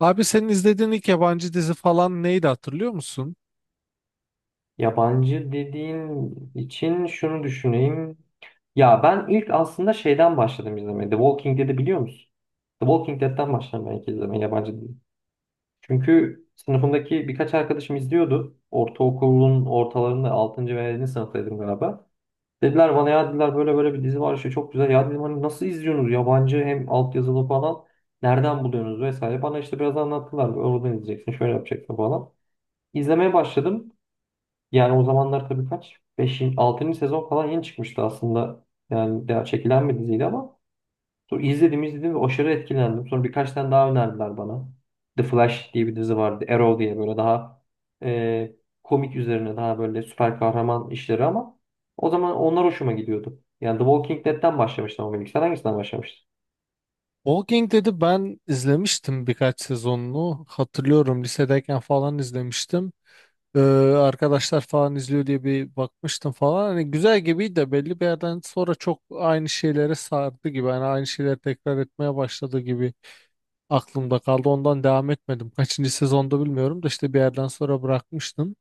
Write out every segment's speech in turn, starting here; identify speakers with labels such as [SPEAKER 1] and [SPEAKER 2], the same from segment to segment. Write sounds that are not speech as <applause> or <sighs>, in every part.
[SPEAKER 1] Abi senin izlediğin ilk yabancı dizi falan neydi hatırlıyor musun?
[SPEAKER 2] Yabancı dediğin için şunu düşüneyim. Ya ben ilk aslında şeyden başladım izlemeye. The Walking Dead'i biliyor musun? The Walking Dead'den başladım ben ilk izlemeye yabancı dizi. Çünkü sınıfımdaki birkaç arkadaşım izliyordu. Ortaokulun ortalarında 6. ve 7. sınıftaydım galiba. Dediler bana ya dediler böyle böyle bir dizi var işte çok güzel. Ya dedim hani nasıl izliyorsunuz yabancı hem altyazılı falan. Nereden buluyorsunuz vesaire. Bana işte biraz anlattılar. Oradan izleyeceksin şöyle yapacaksın falan. İzlemeye başladım. Yani o zamanlar tabii kaç? Beşinci altıncı sezon falan yeni çıkmıştı aslında. Yani daha çekilen bir diziydi ama sonra izledim ve aşırı etkilendim. Sonra birkaç tane daha önerdiler bana. The Flash diye bir dizi vardı. Arrow diye böyle daha e, komik üzerine daha böyle süper kahraman işleri ama o zaman onlar hoşuma gidiyordu. Yani The Walking Dead'den başlamıştım ama ilk. Sen hangisinden başlamıştın?
[SPEAKER 1] Walking dedi ben izlemiştim birkaç sezonunu. Hatırlıyorum lisedeyken falan izlemiştim. Ee, arkadaşlar falan izliyor diye bir bakmıştım falan. Hani güzel gibiydi de belli bir yerden sonra çok aynı şeylere sardı gibi. Hani aynı şeyleri tekrar etmeye başladı gibi aklımda kaldı. Ondan devam etmedim. Kaçıncı sezonda bilmiyorum da işte bir yerden sonra bırakmıştım.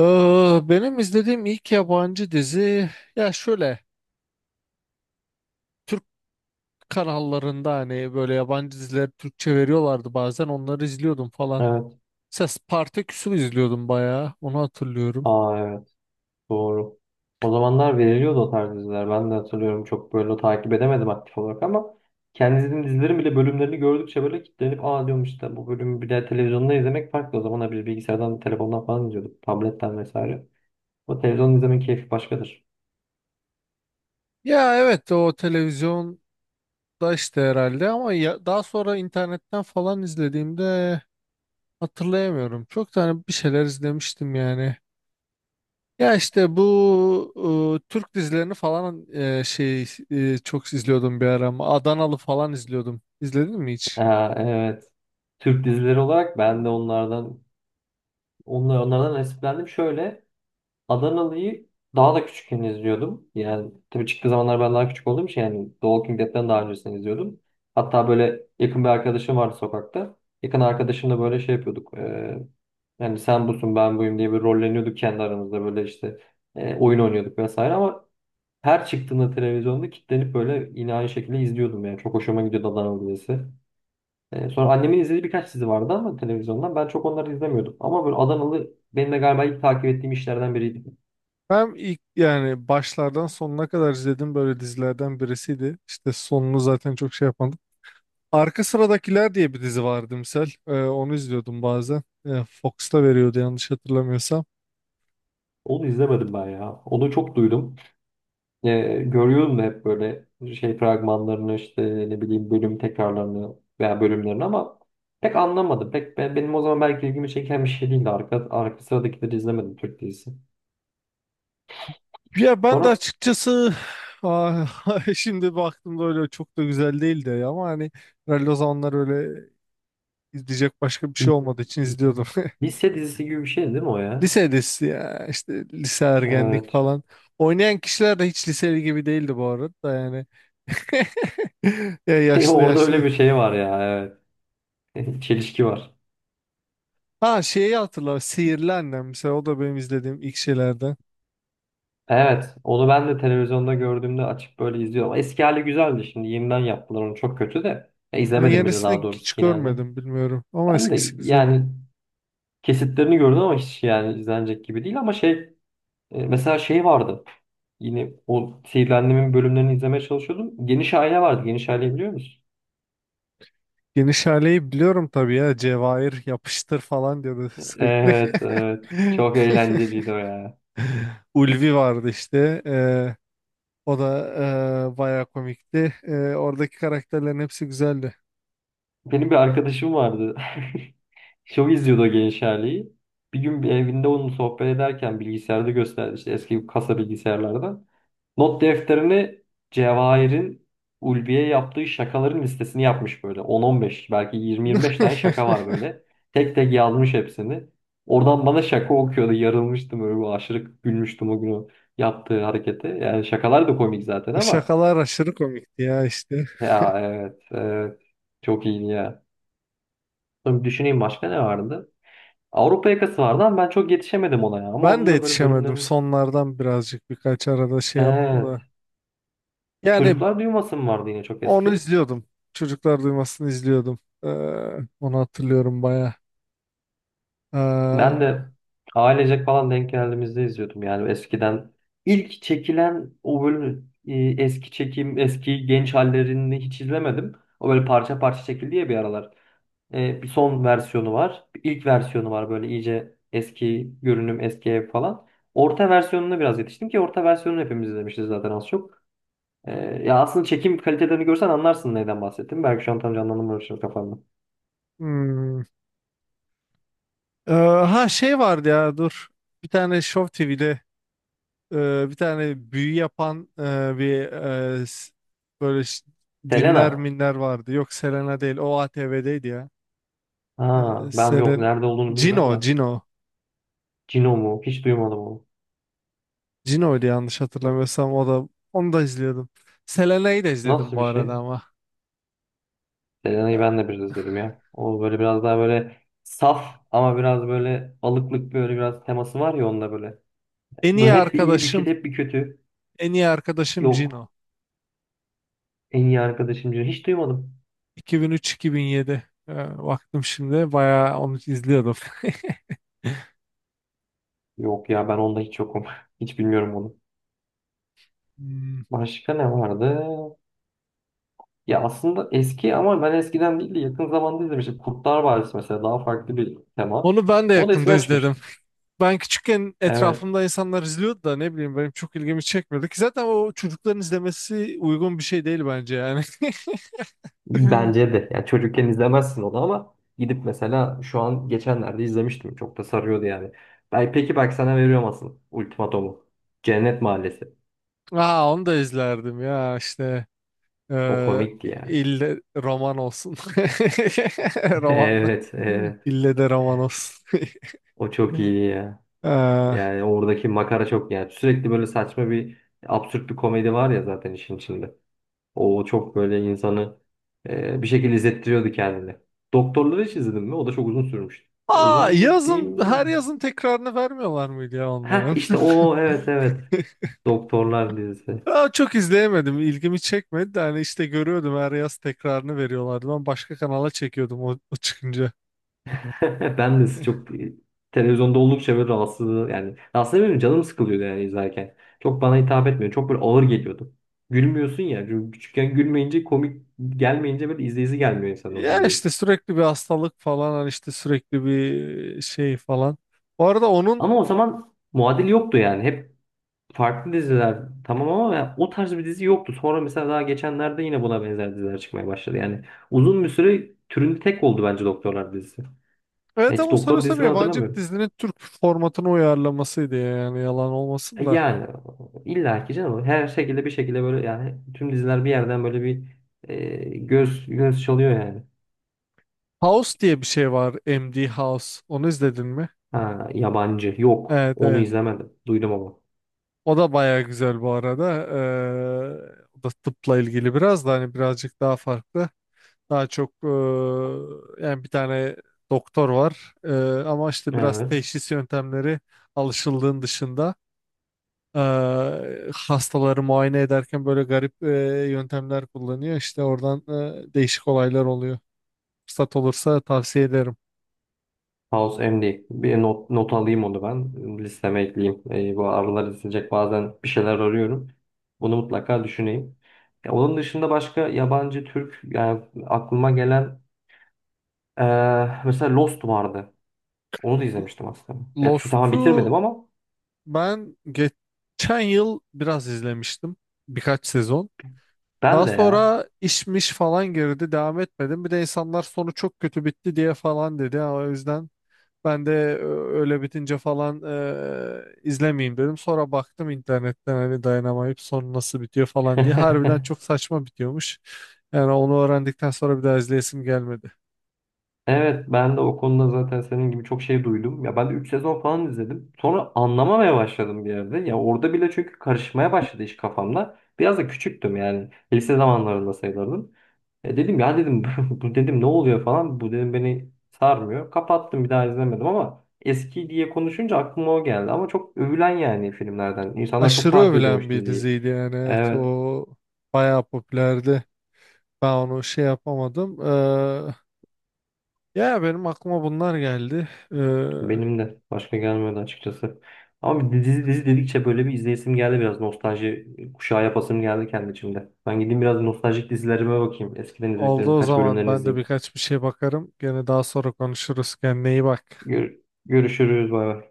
[SPEAKER 1] Ee, benim izlediğim ilk yabancı dizi ya şöyle. Kanallarında hani böyle yabancı diziler Türkçe veriyorlardı bazen onları izliyordum falan.
[SPEAKER 2] Evet.
[SPEAKER 1] Mesela Spartaküs'ü izliyordum bayağı onu hatırlıyorum.
[SPEAKER 2] Aa, evet. Doğru. O zamanlar veriliyordu o tarz diziler. Ben de hatırlıyorum, çok böyle takip edemedim aktif olarak ama kendi izlediğim dizilerin bile bölümlerini gördükçe böyle kilitlenip aa diyorum, işte bu bölümü bir de televizyonda izlemek farklı. O zaman bir bilgisayardan, telefondan falan izliyorduk. Tabletten vesaire. O televizyon izlemenin keyfi başkadır.
[SPEAKER 1] Ya evet o televizyonda işte herhalde ama ya, daha sonra internetten falan izlediğimde hatırlayamıyorum. Çok tane bir şeyler izlemiştim yani. Ya işte bu Türk dizilerini falan şey çok izliyordum bir ara ama Adanalı falan izliyordum. İzledin mi hiç?
[SPEAKER 2] Aa, evet. Türk dizileri olarak ben de onlardan onlardan nasiplendim. Şöyle Adanalı'yı daha da küçükken izliyordum. Yani tabii çıktığı zamanlar ben daha küçük olduğum için yani The Walking Dead'den daha öncesini izliyordum. Hatta böyle yakın bir arkadaşım vardı sokakta. Yakın arkadaşımla böyle şey yapıyorduk. Yani sen busun ben buyum diye bir rolleniyorduk kendi aramızda böyle işte oyun oynuyorduk vesaire ama her çıktığında televizyonda kilitlenip böyle yine aynı şekilde izliyordum, yani çok hoşuma gidiyordu Adanalı dizisi. Sonra annemin izlediği birkaç dizi vardı ama televizyondan ben çok onları izlemiyordum ama böyle Adanalı benim de galiba ilk takip ettiğim işlerden biriydi.
[SPEAKER 1] Ben ilk yani başlardan sonuna kadar izledim böyle dizilerden birisiydi. İşte sonunu zaten çok şey yapmadım. Arka Sıradakiler diye bir dizi vardı misal. Onu izliyordum bazen. Fox'ta veriyordu yanlış hatırlamıyorsam.
[SPEAKER 2] Onu izlemedim ben ya. Onu çok duydum. Ee, Görüyorum da hep böyle şey fragmanlarını işte ne bileyim bölüm tekrarlarını veya bölümlerini ama pek anlamadım. Pek benim o zaman belki ilgimi çeken bir şey değildi. Arka sıradakileri izlemedim Türk dizisi.
[SPEAKER 1] Ya ben de
[SPEAKER 2] Sonra
[SPEAKER 1] açıkçası <sighs> ah, <laughs> şimdi baktığımda öyle çok da güzel değildi ya ama hani herhalde o zamanlar öyle izleyecek başka bir şey olmadığı için izliyordum. <laughs>
[SPEAKER 2] <laughs> lise dizisi gibi bir şeydi değil mi o ya?
[SPEAKER 1] Lise dizisi ya işte lise ergenlik
[SPEAKER 2] Evet.
[SPEAKER 1] falan. Oynayan kişiler de hiç liseli gibi değildi bu arada da yani. <laughs> Ya
[SPEAKER 2] <laughs>
[SPEAKER 1] yaşlı
[SPEAKER 2] Orada
[SPEAKER 1] yaşlı.
[SPEAKER 2] öyle bir şey var ya. Evet. <laughs> Çelişki var.
[SPEAKER 1] Ha şeyi hatırla Sihirli Annem mesela o da benim izlediğim ilk şeylerden.
[SPEAKER 2] Evet, onu ben de televizyonda gördüğümde açıp böyle izliyorum. Eski hali güzeldi, şimdi yeniden yaptılar onu çok kötü de. Ya,
[SPEAKER 1] Ben
[SPEAKER 2] izlemedim bile daha
[SPEAKER 1] yenisini hiç
[SPEAKER 2] doğrusu yeni halini.
[SPEAKER 1] görmedim bilmiyorum ama
[SPEAKER 2] Ben de
[SPEAKER 1] eskisi güzel.
[SPEAKER 2] yani kesitlerini gördüm ama hiç yani izlenecek gibi değil ama şey, mesela şey vardı. Yine o Sihirli Annem'in bölümlerini izlemeye çalışıyordum. Geniş Aile vardı. Geniş Aile biliyor musun?
[SPEAKER 1] Geniş aileyi biliyorum tabii ya. Cevahir yapıştır falan diyordu sürekli.
[SPEAKER 2] Evet, evet. Çok eğlenceliydi o ya.
[SPEAKER 1] <laughs> Ulvi vardı işte. O da bayağı komikti. Oradaki karakterlerin hepsi güzeldi.
[SPEAKER 2] Benim bir arkadaşım vardı. Show izliyordu o genç haliyi. Bir gün bir evinde onunla sohbet ederken bilgisayarda gösterdi işte, eski kasa bilgisayarlarda. Not defterini Cevahir'in Ulvi'ye yaptığı şakaların listesini yapmış böyle. 10-15, belki 20-25 tane
[SPEAKER 1] <laughs>
[SPEAKER 2] şaka var böyle. Tek tek yazmış hepsini. Oradan bana şaka okuyordu. Yarılmıştım öyle, bu aşırı gülmüştüm o gün o yaptığı harekete. Yani şakalar da komik zaten
[SPEAKER 1] O
[SPEAKER 2] ama
[SPEAKER 1] şakalar aşırı komikti ya işte.
[SPEAKER 2] ya, evet evet, çok iyiydi ya. Sonra bir düşüneyim, başka ne vardı? Avrupa Yakası vardı ama ben çok yetişemedim ona ya. Ama
[SPEAKER 1] Ben
[SPEAKER 2] onun
[SPEAKER 1] de
[SPEAKER 2] da böyle
[SPEAKER 1] yetişemedim.
[SPEAKER 2] bölümlerin...
[SPEAKER 1] Sonlardan birazcık birkaç arada şey yaptım
[SPEAKER 2] Evet.
[SPEAKER 1] da. Yani
[SPEAKER 2] Çocuklar Duymasın vardı yine, çok
[SPEAKER 1] onu
[SPEAKER 2] eski.
[SPEAKER 1] izliyordum. Çocuklar Duymasını izliyordum. Onu hatırlıyorum bayağı.
[SPEAKER 2] Ben
[SPEAKER 1] Ee,
[SPEAKER 2] de ailecek falan denk geldiğimizde izliyordum. Yani eskiden ilk çekilen o bölümü eski eski genç hallerini hiç izlemedim. O böyle parça parça çekildi ya bir aralar. E, bir son versiyonu var. Bir ilk versiyonu var, böyle iyice eski görünüm, eski ev falan. Orta versiyonuna biraz yetiştim ki orta versiyonunu hepimiz izlemişiz zaten az çok. Ya aslında çekim kalitelerini görsen anlarsın neyden bahsettim. Belki şu an tam canlandırmıyorum şimdi kafamda.
[SPEAKER 1] hmm, ha şey vardı ya dur. Bir tane Show TV'de bir tane büyü yapan bir e, s- böyle dinler
[SPEAKER 2] Selena.
[SPEAKER 1] minler vardı. Yok Selena değil. O ATV'deydi ya.
[SPEAKER 2] Ha, ben yok
[SPEAKER 1] Selena.
[SPEAKER 2] nerede olduğunu bilmiyorum
[SPEAKER 1] Cino,
[SPEAKER 2] da.
[SPEAKER 1] Cino.
[SPEAKER 2] Cino mu? Hiç duymadım onu.
[SPEAKER 1] Cino'ydu yanlış hatırlamıyorsam o da onu da izliyordum. Selena'yı da izledim
[SPEAKER 2] Nasıl
[SPEAKER 1] bu
[SPEAKER 2] bir
[SPEAKER 1] arada
[SPEAKER 2] şey?
[SPEAKER 1] ama. E,
[SPEAKER 2] Selena'yı ben de biraz izledim ya. O böyle biraz daha böyle saf ama biraz böyle alıklık böyle biraz teması var ya onda böyle.
[SPEAKER 1] En iyi
[SPEAKER 2] Böyle hep bir iyi bir
[SPEAKER 1] arkadaşım,
[SPEAKER 2] kötü hep bir kötü.
[SPEAKER 1] en iyi arkadaşım
[SPEAKER 2] Yok.
[SPEAKER 1] Cino.
[SPEAKER 2] En iyi arkadaşım Cino. Hiç duymadım.
[SPEAKER 1] 2003-2007. Baktım şimdi bayağı onu izliyordum. <laughs>
[SPEAKER 2] Yok ya, ben onda hiç yokum. <laughs> Hiç bilmiyorum onu.
[SPEAKER 1] Hmm.
[SPEAKER 2] Başka ne vardı? Ya aslında eski ama ben eskiden değil de yakın zamanda izlemiştim. Kurtlar Vadisi mesela, daha farklı bir tema.
[SPEAKER 1] Onu ben de
[SPEAKER 2] O da
[SPEAKER 1] yakında
[SPEAKER 2] eskiden
[SPEAKER 1] izledim.
[SPEAKER 2] çıkmıştı.
[SPEAKER 1] Ben küçükken
[SPEAKER 2] Evet.
[SPEAKER 1] etrafımda insanlar izliyordu da ne bileyim benim çok ilgimi çekmedi ki zaten o çocukların izlemesi uygun bir şey değil bence yani.
[SPEAKER 2] Bence
[SPEAKER 1] <laughs>
[SPEAKER 2] de. Yani çocukken izlemezsin onu ama gidip mesela şu an geçenlerde izlemiştim. Çok da sarıyordu yani. Ben, peki bak sana veriyorum asıl ultimatomu. Cennet Mahallesi.
[SPEAKER 1] Aa onu da izlerdim ya işte
[SPEAKER 2] O
[SPEAKER 1] eee
[SPEAKER 2] komikti ya.
[SPEAKER 1] ille roman olsun. <laughs>
[SPEAKER 2] <laughs>
[SPEAKER 1] Romanla.
[SPEAKER 2] Evet, evet.
[SPEAKER 1] İlle de roman olsun. <laughs>
[SPEAKER 2] O çok iyi ya.
[SPEAKER 1] Eee,
[SPEAKER 2] Yani oradaki makara çok yani. Sürekli böyle saçma bir, absürt bir komedi var ya zaten işin içinde. O çok böyle insanı bir şekilde izlettiriyordu kendini. Doktorlar'ı hiç izledin mi? O da çok uzun sürmüştü. Ya
[SPEAKER 1] Aa
[SPEAKER 2] uzun mu
[SPEAKER 1] yazın her
[SPEAKER 2] diyeyim?
[SPEAKER 1] yazın tekrarını vermiyorlar mıydı ya
[SPEAKER 2] Ha
[SPEAKER 1] onların?
[SPEAKER 2] işte
[SPEAKER 1] <laughs>
[SPEAKER 2] o, evet evet. Doktorlar dizisi.
[SPEAKER 1] Aa, çok izleyemedim. İlgimi çekmedi de hani işte görüyordum her yaz tekrarını veriyorlardı. Ben başka kanala çekiyordum o çıkınca.
[SPEAKER 2] <laughs> Ben de
[SPEAKER 1] <laughs>
[SPEAKER 2] çok televizyonda oldukça böyle rahatsız, yani rahatsız etmiyorum, canım sıkılıyordu yani izlerken. Çok bana hitap etmiyor. Çok böyle ağır geliyordu. Gülmüyorsun ya, çünkü küçükken gülmeyince komik gelmeyince böyle izleyisi gelmiyor insan o
[SPEAKER 1] Ya
[SPEAKER 2] diziyi.
[SPEAKER 1] işte sürekli bir hastalık falan hani işte sürekli bir şey falan. Bu arada onun
[SPEAKER 2] Ama o zaman muadil yoktu yani. Hep farklı diziler tamam ama ya o tarz bir dizi yoktu. Sonra mesela daha geçenlerde yine buna benzer diziler çıkmaya başladı. Yani uzun bir süre türünde tek oldu bence Doktorlar dizisi.
[SPEAKER 1] evet
[SPEAKER 2] Hiç
[SPEAKER 1] ama
[SPEAKER 2] doktor
[SPEAKER 1] sanıyorsam
[SPEAKER 2] dizisi ben
[SPEAKER 1] yabancı bir
[SPEAKER 2] hatırlamıyorum.
[SPEAKER 1] dizinin Türk formatına uyarlamasıydı ya, yani yalan
[SPEAKER 2] E
[SPEAKER 1] olmasın da.
[SPEAKER 2] yani illa ki canım her şekilde bir şekilde böyle yani tüm diziler bir yerden böyle bir e, göz çalıyor yani.
[SPEAKER 1] House diye bir şey var MD House. Onu izledin mi?
[SPEAKER 2] Ha, yabancı, yok
[SPEAKER 1] Evet,
[SPEAKER 2] onu
[SPEAKER 1] evet.
[SPEAKER 2] izlemedim, duydum ama.
[SPEAKER 1] O da baya güzel bu arada. O da tıpla ilgili biraz da hani birazcık daha farklı. Daha çok yani bir tane doktor var ama işte biraz
[SPEAKER 2] Evet.
[SPEAKER 1] teşhis yöntemleri alışıldığın dışında e, hastaları muayene ederken böyle garip yöntemler kullanıyor. İşte oradan değişik olaylar oluyor. Fırsat olursa tavsiye ederim.
[SPEAKER 2] House MD. Bir not alayım onu ben. Listeme ekleyeyim. Bu aralar izleyecek bazen bir şeyler arıyorum. Bunu mutlaka düşüneyim. Ya, onun dışında başka yabancı Türk yani aklıma gelen mesela Lost vardı. Onu da izlemiştim aslında. Ya, tamam
[SPEAKER 1] Lost'u
[SPEAKER 2] bitirmedim ama
[SPEAKER 1] ben geçen yıl biraz izlemiştim. Birkaç sezon.
[SPEAKER 2] ben
[SPEAKER 1] Daha
[SPEAKER 2] de ya.
[SPEAKER 1] sonra işmiş falan girdi. Devam etmedim. Bir de insanlar sonu çok kötü bitti diye falan dedi. Ha, o yüzden ben de öyle bitince falan izlemeyeyim dedim. Sonra baktım internetten hani dayanamayıp sonu nasıl bitiyor falan diye. Harbiden
[SPEAKER 2] <laughs>
[SPEAKER 1] çok saçma bitiyormuş. Yani onu öğrendikten sonra bir daha izleyesim gelmedi.
[SPEAKER 2] Evet ben de o konuda zaten senin gibi çok şey duydum. Ya ben de 3 sezon falan izledim. Sonra anlamamaya başladım bir yerde. Ya orada bile çünkü karışmaya başladı iş kafamda. Biraz da küçüktüm yani. Lise zamanlarında sayılırdım. E dedim ya dedim <laughs> bu dedim ne oluyor falan. Bu dedim beni sarmıyor. Kapattım, bir daha izlemedim ama eski diye konuşunca aklıma o geldi. Ama çok övülen yani filmlerden. İnsanlar çok
[SPEAKER 1] Aşırı
[SPEAKER 2] takip
[SPEAKER 1] övülen
[SPEAKER 2] ediyormuş
[SPEAKER 1] bir
[SPEAKER 2] diziyi.
[SPEAKER 1] diziydi yani. Evet
[SPEAKER 2] Evet.
[SPEAKER 1] o bayağı popülerdi. Ben onu şey yapamadım. Ya benim aklıma bunlar geldi. E,
[SPEAKER 2] Benim de başka gelmedi açıkçası. Ama bir dizi dedikçe böyle bir izleyesim geldi, biraz nostalji kuşağı yapasım geldi kendi içimde. Ben gideyim biraz nostaljik dizilerime bakayım. Eskiden
[SPEAKER 1] Oldu
[SPEAKER 2] izlediklerim
[SPEAKER 1] o
[SPEAKER 2] birkaç
[SPEAKER 1] zaman
[SPEAKER 2] bölümlerini
[SPEAKER 1] ben de
[SPEAKER 2] izleyeyim.
[SPEAKER 1] birkaç bir şey bakarım. Gene daha sonra konuşuruz. Kendine iyi bak.
[SPEAKER 2] Gör- Görüşürüz, bay bay.